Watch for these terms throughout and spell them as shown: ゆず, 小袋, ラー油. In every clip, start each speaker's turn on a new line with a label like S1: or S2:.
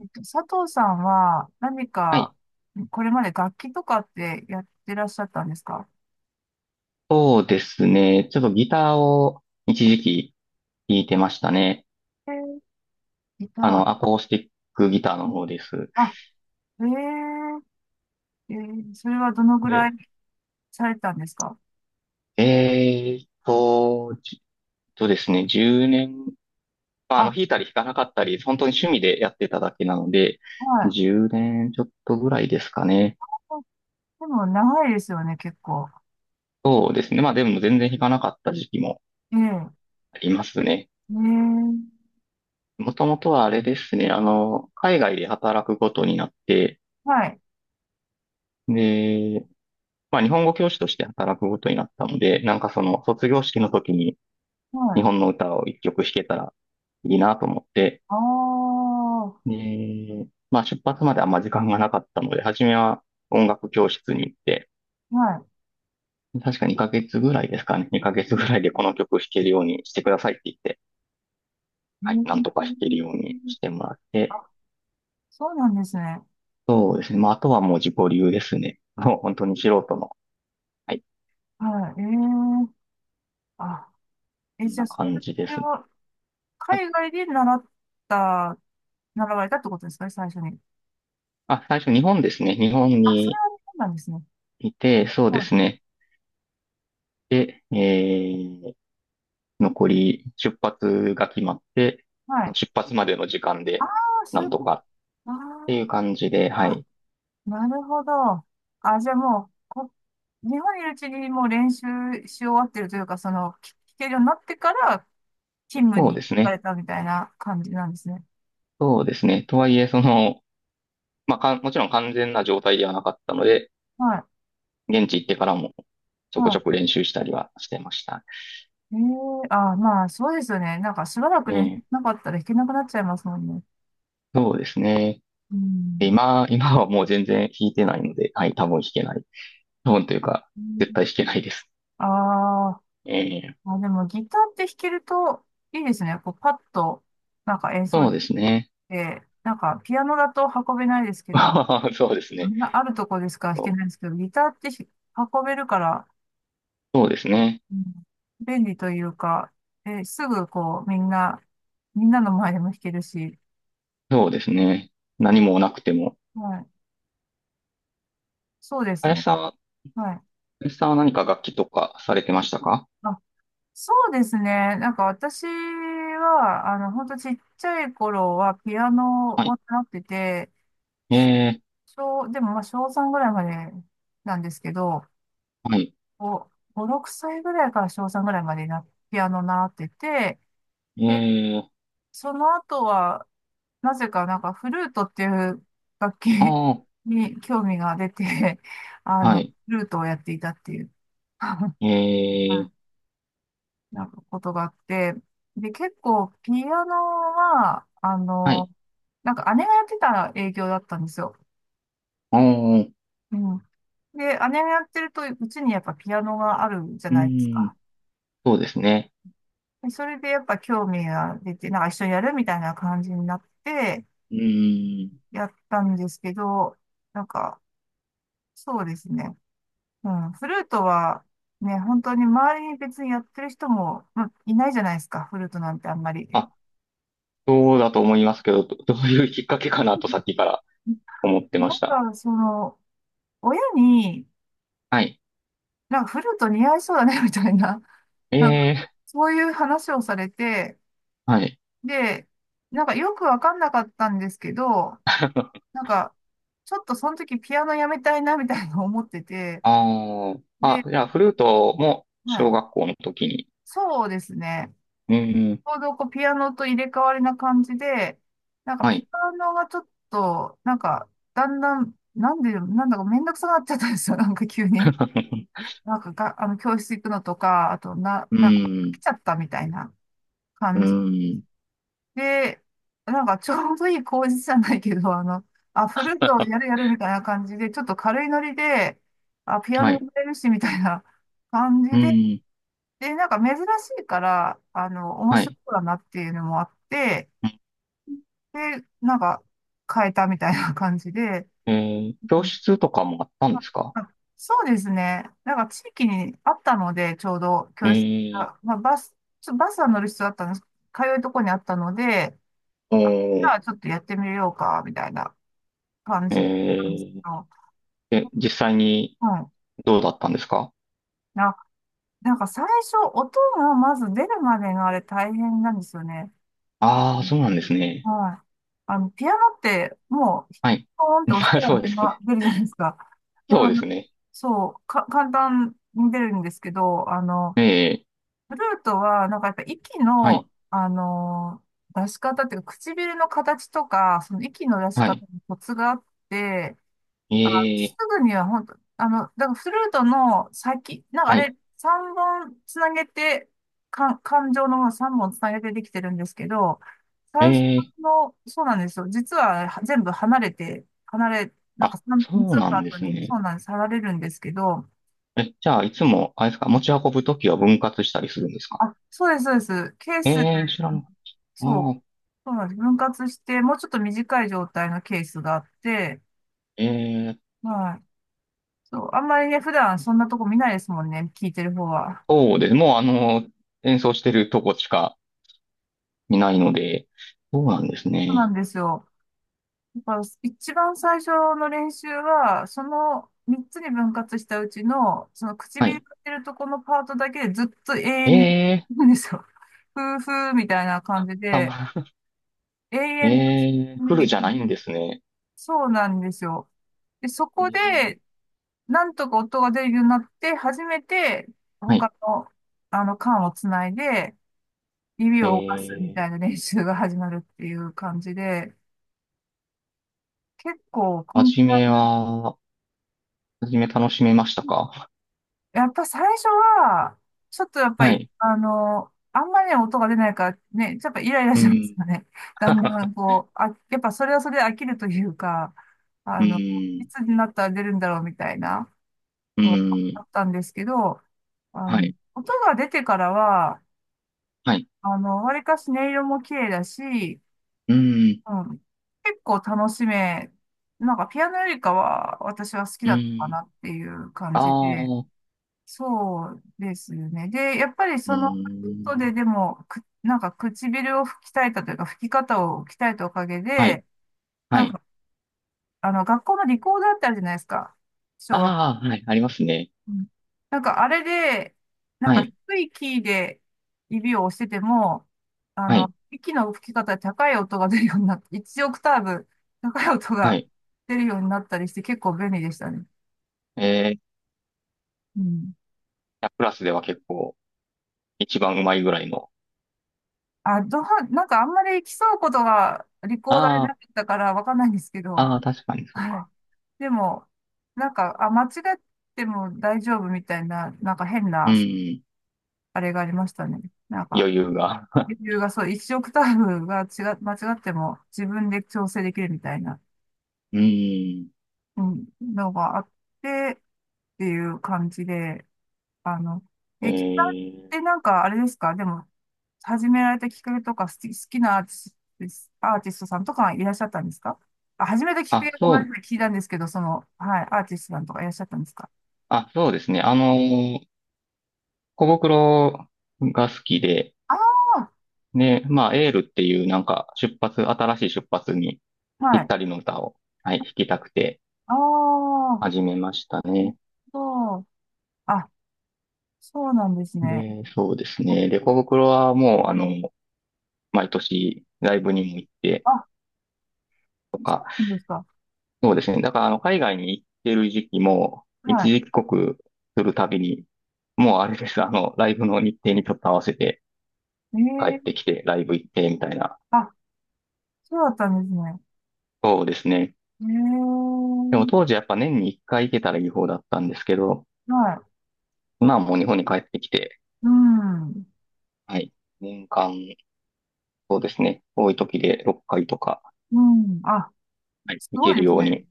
S1: 佐藤さんは何
S2: は
S1: か、
S2: い。
S1: これまで楽器とかってやってらっしゃったんですか？
S2: そうですね。ちょっとギターを一時期弾いてましたね。
S1: えーギ
S2: あ
S1: タ
S2: の、アコースティックギターの
S1: ー。うん。
S2: 方です。
S1: あ、ええそれはどのぐ
S2: で、
S1: らいされたんですか？
S2: じっとですね、10年、まあ、
S1: あ、
S2: 弾いたり弾かなかったり、本当に趣味でやってただけなので、
S1: はい。
S2: 10年ちょっとぐらいですかね。
S1: あ、でも長いですよね、結構。
S2: そうですね。まあでも全然弾かなかった時期も
S1: ええ
S2: ありますね。
S1: ええ、
S2: もともとはあれですね、あの、海外で働くことになって、
S1: はい、
S2: で、まあ、日本語教師として働くことになったので、なんかその卒業式の時に
S1: は
S2: 日
S1: い。
S2: 本の歌を一曲弾けたらいいなと思って、
S1: ああ、は
S2: で、まあ出発まであんま時間がなかったので、初めは音楽教室に行って、確か2ヶ月ぐらいですかね、2ヶ月ぐらいでこの曲弾けるようにしてくださいって言って、
S1: い。え
S2: はい、なんとか弾けるように
S1: え、
S2: してもらって、
S1: あ、そうなんですね。
S2: そうですね、まああとはもう自己流ですね。もう本当に素人の、はい、
S1: はい。ええ、あ、え、
S2: こん
S1: じゃあ、
S2: な
S1: そ
S2: 感
S1: れ、
S2: じ
S1: そ
S2: で
S1: れ
S2: すね。
S1: は
S2: はい。
S1: 海外でた習われたってことですかね、最初に？
S2: あ、最初日本ですね。日本
S1: あ、それ
S2: に
S1: はそうなんですね。
S2: いて、そうで
S1: はい。
S2: すね。で、残り出発が決まって、
S1: はい。
S2: 出発までの時間
S1: あ
S2: で、
S1: あ、
S2: な
S1: そうい
S2: ん
S1: う。
S2: とかって
S1: あ
S2: いう感じで、は
S1: あ、あ、
S2: い。
S1: なるほど。あ、じゃあもう、日本にいるうちにもう練習し終わってるというか、その、聞けるようになってから勤務
S2: そう
S1: に
S2: です
S1: 行かれ
S2: ね。
S1: たみたいな感じなんですね。
S2: そうですね。とはいえ、その、まあ、もちろん完全な状態ではなかったので、
S1: はい。
S2: 現地行ってからもちょこち
S1: は
S2: ょこ練習したりはしてました。
S1: い。ええ、あ、まあ、そうですよね。なんか、しばらく
S2: え
S1: ね、
S2: え、
S1: なかったら弾けなくなっちゃいますもんね。
S2: そうですね。
S1: う
S2: で
S1: ん。
S2: 今、今はもう全然弾いてないので、はい、多分弾けない。多分というか、絶対弾けないです。
S1: ああ
S2: ええ、
S1: あ、でもギターって弾けるといいですね。こうパッとなんか演奏
S2: そう
S1: でき
S2: ですね。
S1: て、なんかピアノだと運べないですけど、
S2: そうです
S1: あ
S2: ね。
S1: んなあるとこですから弾
S2: そ
S1: け
S2: う
S1: ないですけど、ギターって運べるから、
S2: そうですね。
S1: うん、便利というか、え、すぐこうみんなの前でも弾けるし、
S2: そうですね。何もなくても。
S1: はい、そうです
S2: 林
S1: ね。
S2: さんは、
S1: はい。
S2: 林さんは何か楽器とかされてましたか？
S1: あ、そうですね。なんか私は、あの、ほんとちっちゃい頃はピアノ
S2: は
S1: を
S2: い。
S1: 習ってて、
S2: え
S1: でもまあ小3ぐらいまでなんですけど、
S2: ー、はい。
S1: 5、5、6歳ぐらいから小3ぐらいまでな、ピアノ習ってて、
S2: え
S1: で、
S2: ー、
S1: その後は、なぜかなんかフルートっていう楽器
S2: あ
S1: に興味が出て、あ
S2: あ、は
S1: の、フ
S2: い。
S1: ルートをやっていたっていう、は
S2: えー、
S1: い、なんかことがあって、で、結構ピアノは、あ
S2: は
S1: の、
S2: い。
S1: なんか姉がやってた影響だったんですよ。
S2: ああ、う
S1: うん。で、姉がやってると、うちにやっぱピアノがあるじゃ
S2: ー
S1: ないです
S2: ん、
S1: か。
S2: そうですね。
S1: でそれでやっぱ興味が出て、なんか一緒にやるみたいな感じになって、
S2: うーん。
S1: やったんですけど、なんか、そうですね。うん、フルートは、ね、本当に周りに別にやってる人も、まあ、いないじゃないですか、フルートなんてあんまり。
S2: あ、そうだと思いますけど、どういうきっかけかなとさっきから思ってま
S1: な
S2: した。
S1: んか、その、親に、
S2: はい。
S1: なんかフルート似合いそうだね、みたいな、なん
S2: え
S1: か、そういう話をされて、
S2: ー、はい。
S1: で、なんかよくわかんなかったんですけど、なんか、ちょっとその時ピアノやめたいなみたいな思ってて、
S2: ああ、
S1: で、
S2: あ、じゃあ、フルートも
S1: はい。
S2: 小学校の時に。
S1: そうですね。
S2: うーん、
S1: ちょうどこうピアノと入れ替わりな感じで、なんか
S2: は
S1: ピ
S2: い。
S1: アノがちょっと、なんか、だんだん、なんだかめんどくさくなっちゃったんですよ。なんか急に。なんかが、あの、教室行くのとか、あと、
S2: うー
S1: なんか、飽
S2: ん、
S1: きちゃったみたいな
S2: う
S1: 感じ。
S2: ーん。
S1: で、なんかちょうどいい工事じゃないけど、あの、あ、フルートをやる やるみたいな感じで、ちょっと軽いノリで、あ、ピア
S2: は
S1: ノや
S2: い。
S1: れるしみたいな感じ
S2: う
S1: で、
S2: ん。
S1: で、なんか珍しいから、あの、面
S2: は
S1: 白
S2: い。
S1: そうだなっていうのもあって、
S2: うん。
S1: で、なんか変えたみたいな感じで、
S2: え
S1: う
S2: 教
S1: ん、
S2: 室とかもあったん
S1: あ
S2: ですか？
S1: あ、そうですね。なんか地域にあったので、ちょうど
S2: え
S1: 教室
S2: ー、
S1: が、まあ、バスは乗る必要あったんです。通うとこにあったので、
S2: お
S1: あ、じゃ
S2: ー、
S1: あちょっとやってみようか、みたいな感
S2: え
S1: じなんです
S2: ー、
S1: よ。
S2: 実際に
S1: うん。
S2: どうだったんですか？
S1: な、なんか最初、音がまず出るまでがあれ大変なんですよね。
S2: ああー、そうなんですね。
S1: はい。あの、ピアノって、もう、
S2: はい。
S1: ポーンって 押し
S2: まあ、
S1: たら
S2: そうですね。
S1: 出るじゃないですか。でも、
S2: そう
S1: あ
S2: で
S1: の、
S2: すね。
S1: そう、簡単に出るんですけど、あの、
S2: ええ、
S1: フルートは、なんかやっぱ息
S2: はい。
S1: の、あの、出し方っていうか、唇の形とか、その息の出し
S2: はい。
S1: 方にコツがあって、
S2: え
S1: あ、す
S2: え、
S1: ぐには本当、あの、だからフルートの先、なんかあ
S2: はい。
S1: れ、3本つなげて、感情の3本つなげてできてるんですけど、
S2: え
S1: 最初
S2: え、
S1: の、そうなんですよ。実はは全部離れて、なん
S2: あ、
S1: か3、三みっつ
S2: そう
S1: の
S2: な
S1: パ
S2: ん
S1: ー
S2: で
S1: ト
S2: す
S1: に、
S2: ね。
S1: そうなんです、離れるんですけど、
S2: え、じゃあ、いつも、あれですか、持ち運ぶときは分割したりするんですか？
S1: あ、そうです、そうです。ケースで、
S2: ええ、知らなかった。
S1: そう、
S2: ああ、
S1: そうなんです。分割して、もうちょっと短い状態のケースがあって、
S2: ええ、
S1: はい。そう、あんまりね、普段そんなとこ見ないですもんね、聞いてる方は。
S2: そうです。もう、あの、演奏してるとこしか、いないので、そうなんです
S1: そうな
S2: ね。
S1: んですよ。だから一番最初の練習は、その3つに分割したうちの、その
S2: は
S1: 唇
S2: い。
S1: が出るとこのパートだけでずっと永
S2: え
S1: 遠に、
S2: え、
S1: なんですよ。ふーふーみたいな感じ
S2: た
S1: で、
S2: ま、
S1: 永
S2: え
S1: 遠と、
S2: え、フルじゃないんですね。
S1: そうなんですよ。で、そこ
S2: ええ、
S1: で、なんとか音が出るようになって、初めて、
S2: はい。
S1: 他の、あの、管をつないで、指を動かすみ
S2: え
S1: た
S2: え、
S1: いな練習が始まるっていう感じで、結構、コこ
S2: は
S1: ん
S2: じ
S1: な
S2: めは、はじめ楽しめましたか？
S1: やっぱ最初は、ちょっとやっぱ
S2: は
S1: り、
S2: い。
S1: あの、あんまりね、音が出ないからね、やっぱイライラ
S2: う
S1: します
S2: ん。
S1: よね。だんだ んこう、あ、やっぱそれはそれで飽きるというか、あ
S2: う
S1: の、い
S2: ん。
S1: つになったら出るんだろうみたいな
S2: う
S1: のがあ
S2: ん。
S1: ったんですけど、あ
S2: は
S1: の、
S2: い。
S1: 音が出てからは、
S2: はい。
S1: あの、わりかし音色も綺麗だし、
S2: うん。
S1: うん、結構楽しめ、なんかピアノよりかは私は好き
S2: う
S1: だったか
S2: ん。
S1: なっていう感じで、
S2: ああ。
S1: そうですね。で、やっぱり
S2: う
S1: その、ヒント
S2: ん。
S1: ででも、なんか唇を吹き鍛えたというか、吹き方を鍛えたおかげ
S2: はい。
S1: で、
S2: は
S1: なん
S2: い。
S1: か、あの、学校のリコーダーってあるじゃないですか。小学校。
S2: ああ、はい。ありますね。
S1: うん、なんか、あれで、なん
S2: は
S1: か
S2: い。
S1: 低いキーで指を押してても、あ
S2: は
S1: の、
S2: い。
S1: 息の吹き方で高い音が出るようになって、1オクターブ高い音
S2: は
S1: が
S2: い。
S1: 出るようになったりして、結構便利でしたね。
S2: ええ
S1: うん。
S2: プラスでは結構一番うまいぐらいの。
S1: あ、なんかあんまり競うことがリコーダーで
S2: あ
S1: な
S2: あ。
S1: かったからわかんないんですけど、
S2: ああ、確かにそう
S1: は
S2: か。
S1: い。でも、なんか、あ、間違っても大丈夫みたいな、なんか変
S2: う
S1: な、
S2: ん。
S1: あれがありましたね。なん
S2: 余
S1: か、
S2: 裕が。
S1: レ ビューがそう、一オクターブが違う、間違っても自分で調整できるみたいな、
S2: うん。
S1: うん、のがあってっていう感じで、あの、
S2: え
S1: え、ギターっ
S2: ー、
S1: てなんかあれですかでも、始められたきっかけとか、好きなアーティストさんとかいらっしゃったんですか？あ、始めたきっか
S2: あ、
S1: けご
S2: そ
S1: めんな
S2: う、
S1: さい、聞いたんですけど、その、はい、アーティストさんとかいらっしゃったんですか？
S2: そうですね。あの、小袋が好きで、
S1: ああ
S2: ね。まあ、エールっていうなんか新しい出発に
S1: ー、
S2: ぴ
S1: は
S2: っ
S1: い。
S2: たりの歌を、はい、弾きたくて
S1: ああ、
S2: 始めました
S1: なる
S2: ね。
S1: ほど。あ、そうなんですね。
S2: で、そうです
S1: うん。
S2: ね。で、小袋はもう、あの、毎年ライブにも行って
S1: あ、
S2: と
S1: そ
S2: か、
S1: うなんですか？
S2: そうですね。だから、あの、海外に行ってる時期も、一
S1: は
S2: 時帰国するたびに、もうあれです。あの、ライブの日程にちょっと合わせて帰って
S1: い。ええ、
S2: きて、ライブ行って、みたいな。
S1: あ、そうだったんですね。
S2: そうですね。
S1: え
S2: でも当
S1: え、
S2: 時やっぱ年に一回行けたらいい方だったんですけど、
S1: はい。
S2: 今はもう日本に帰ってきて、
S1: うん。
S2: はい。年間、そうですね。多い時で6回とか、
S1: うん。あ、
S2: はい、
S1: す
S2: 行
S1: ご
S2: け
S1: い
S2: る
S1: です
S2: よう
S1: ね。
S2: に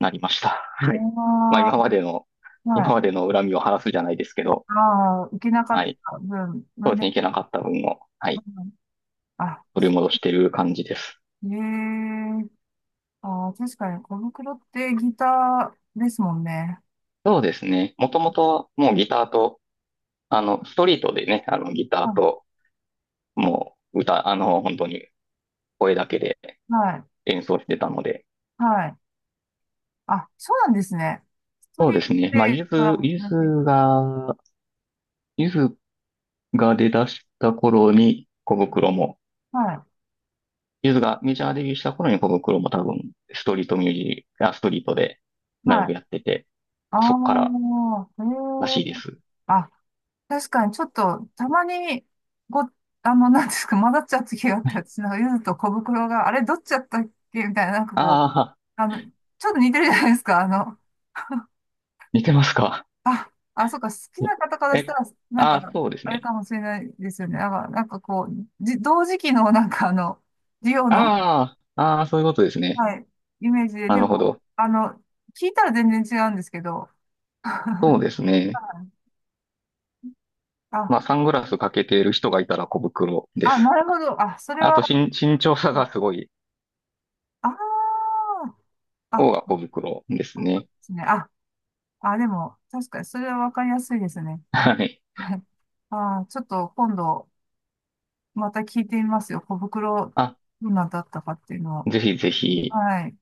S2: なりました。はい。まあ
S1: あ
S2: 今までの、
S1: あ、は
S2: 今
S1: い。
S2: までの恨みを晴らすじゃないですけど、
S1: ああ、行けなか
S2: は
S1: っ
S2: い。
S1: た分、
S2: そうですね。行けなかった分を、は
S1: う
S2: い。
S1: ん、あ、
S2: 取り戻してる感じです。
S1: ええ、ああ、確かに、小袋ってギターですもんね。
S2: そうですね。もともともうギターと、あの、ストリートでね、あの、ギター
S1: あ、
S2: と、もう歌、あの、本当に声だけで
S1: はい、
S2: 演奏してたので、
S1: はい。あ、そうなんですね。スト
S2: そう
S1: リー
S2: で
S1: ト
S2: すね。まあ、
S1: でコラボされて、
S2: が、ゆずが出だした頃に小袋も、
S1: は
S2: ゆずがメジャーデビューした頃に小袋も多分、ストリートミュージック、あ、ストリートで
S1: い、
S2: ライ
S1: はい。
S2: ブやってて、
S1: あ
S2: まあそっから
S1: あ、え
S2: らしいで
S1: え、
S2: す。
S1: あ、確かに、ちょっと、たまに、ご、あの、なんですか、混ざっちゃう時があっ
S2: は
S1: て、
S2: い、
S1: 私なんか、ゆずと小袋が、あれ、どっちだったっけみたいな、なんかこう、
S2: ああ、
S1: あの、ちょっと似てるじゃないですか、あの、
S2: 似てますか？
S1: あ、あ、そうか、好きな方からし
S2: え、
S1: たら、なん
S2: ああ、
S1: か、
S2: そうです
S1: あれ
S2: ね。
S1: かもしれないですよね。なんか、なんかこう、同時期の、なんかあの、リオの、
S2: ああ、ああ、そういうことですね。
S1: はい、イメージで、
S2: な
S1: で
S2: るほ
S1: も、
S2: ど。
S1: あの、聞いたら全然違うんですけど。
S2: そ
S1: は
S2: うですね。
S1: い、あ、
S2: まあ、サングラスかけている人がいたら小袋で
S1: あ、な
S2: す。
S1: るほど。あ、それ
S2: あ
S1: は、
S2: と、身長差
S1: あ
S2: がすごい
S1: ー、あ、
S2: 方が小袋です
S1: そうで
S2: ね。
S1: すね。あ、あ、でも、確かに、それはわかりやすいですね。
S2: はい。
S1: はい。あー、ちょっと今度、また聞いてみますよ。小袋、
S2: あ、
S1: どんなだったかっていうのを。
S2: ぜひぜひ。
S1: はい。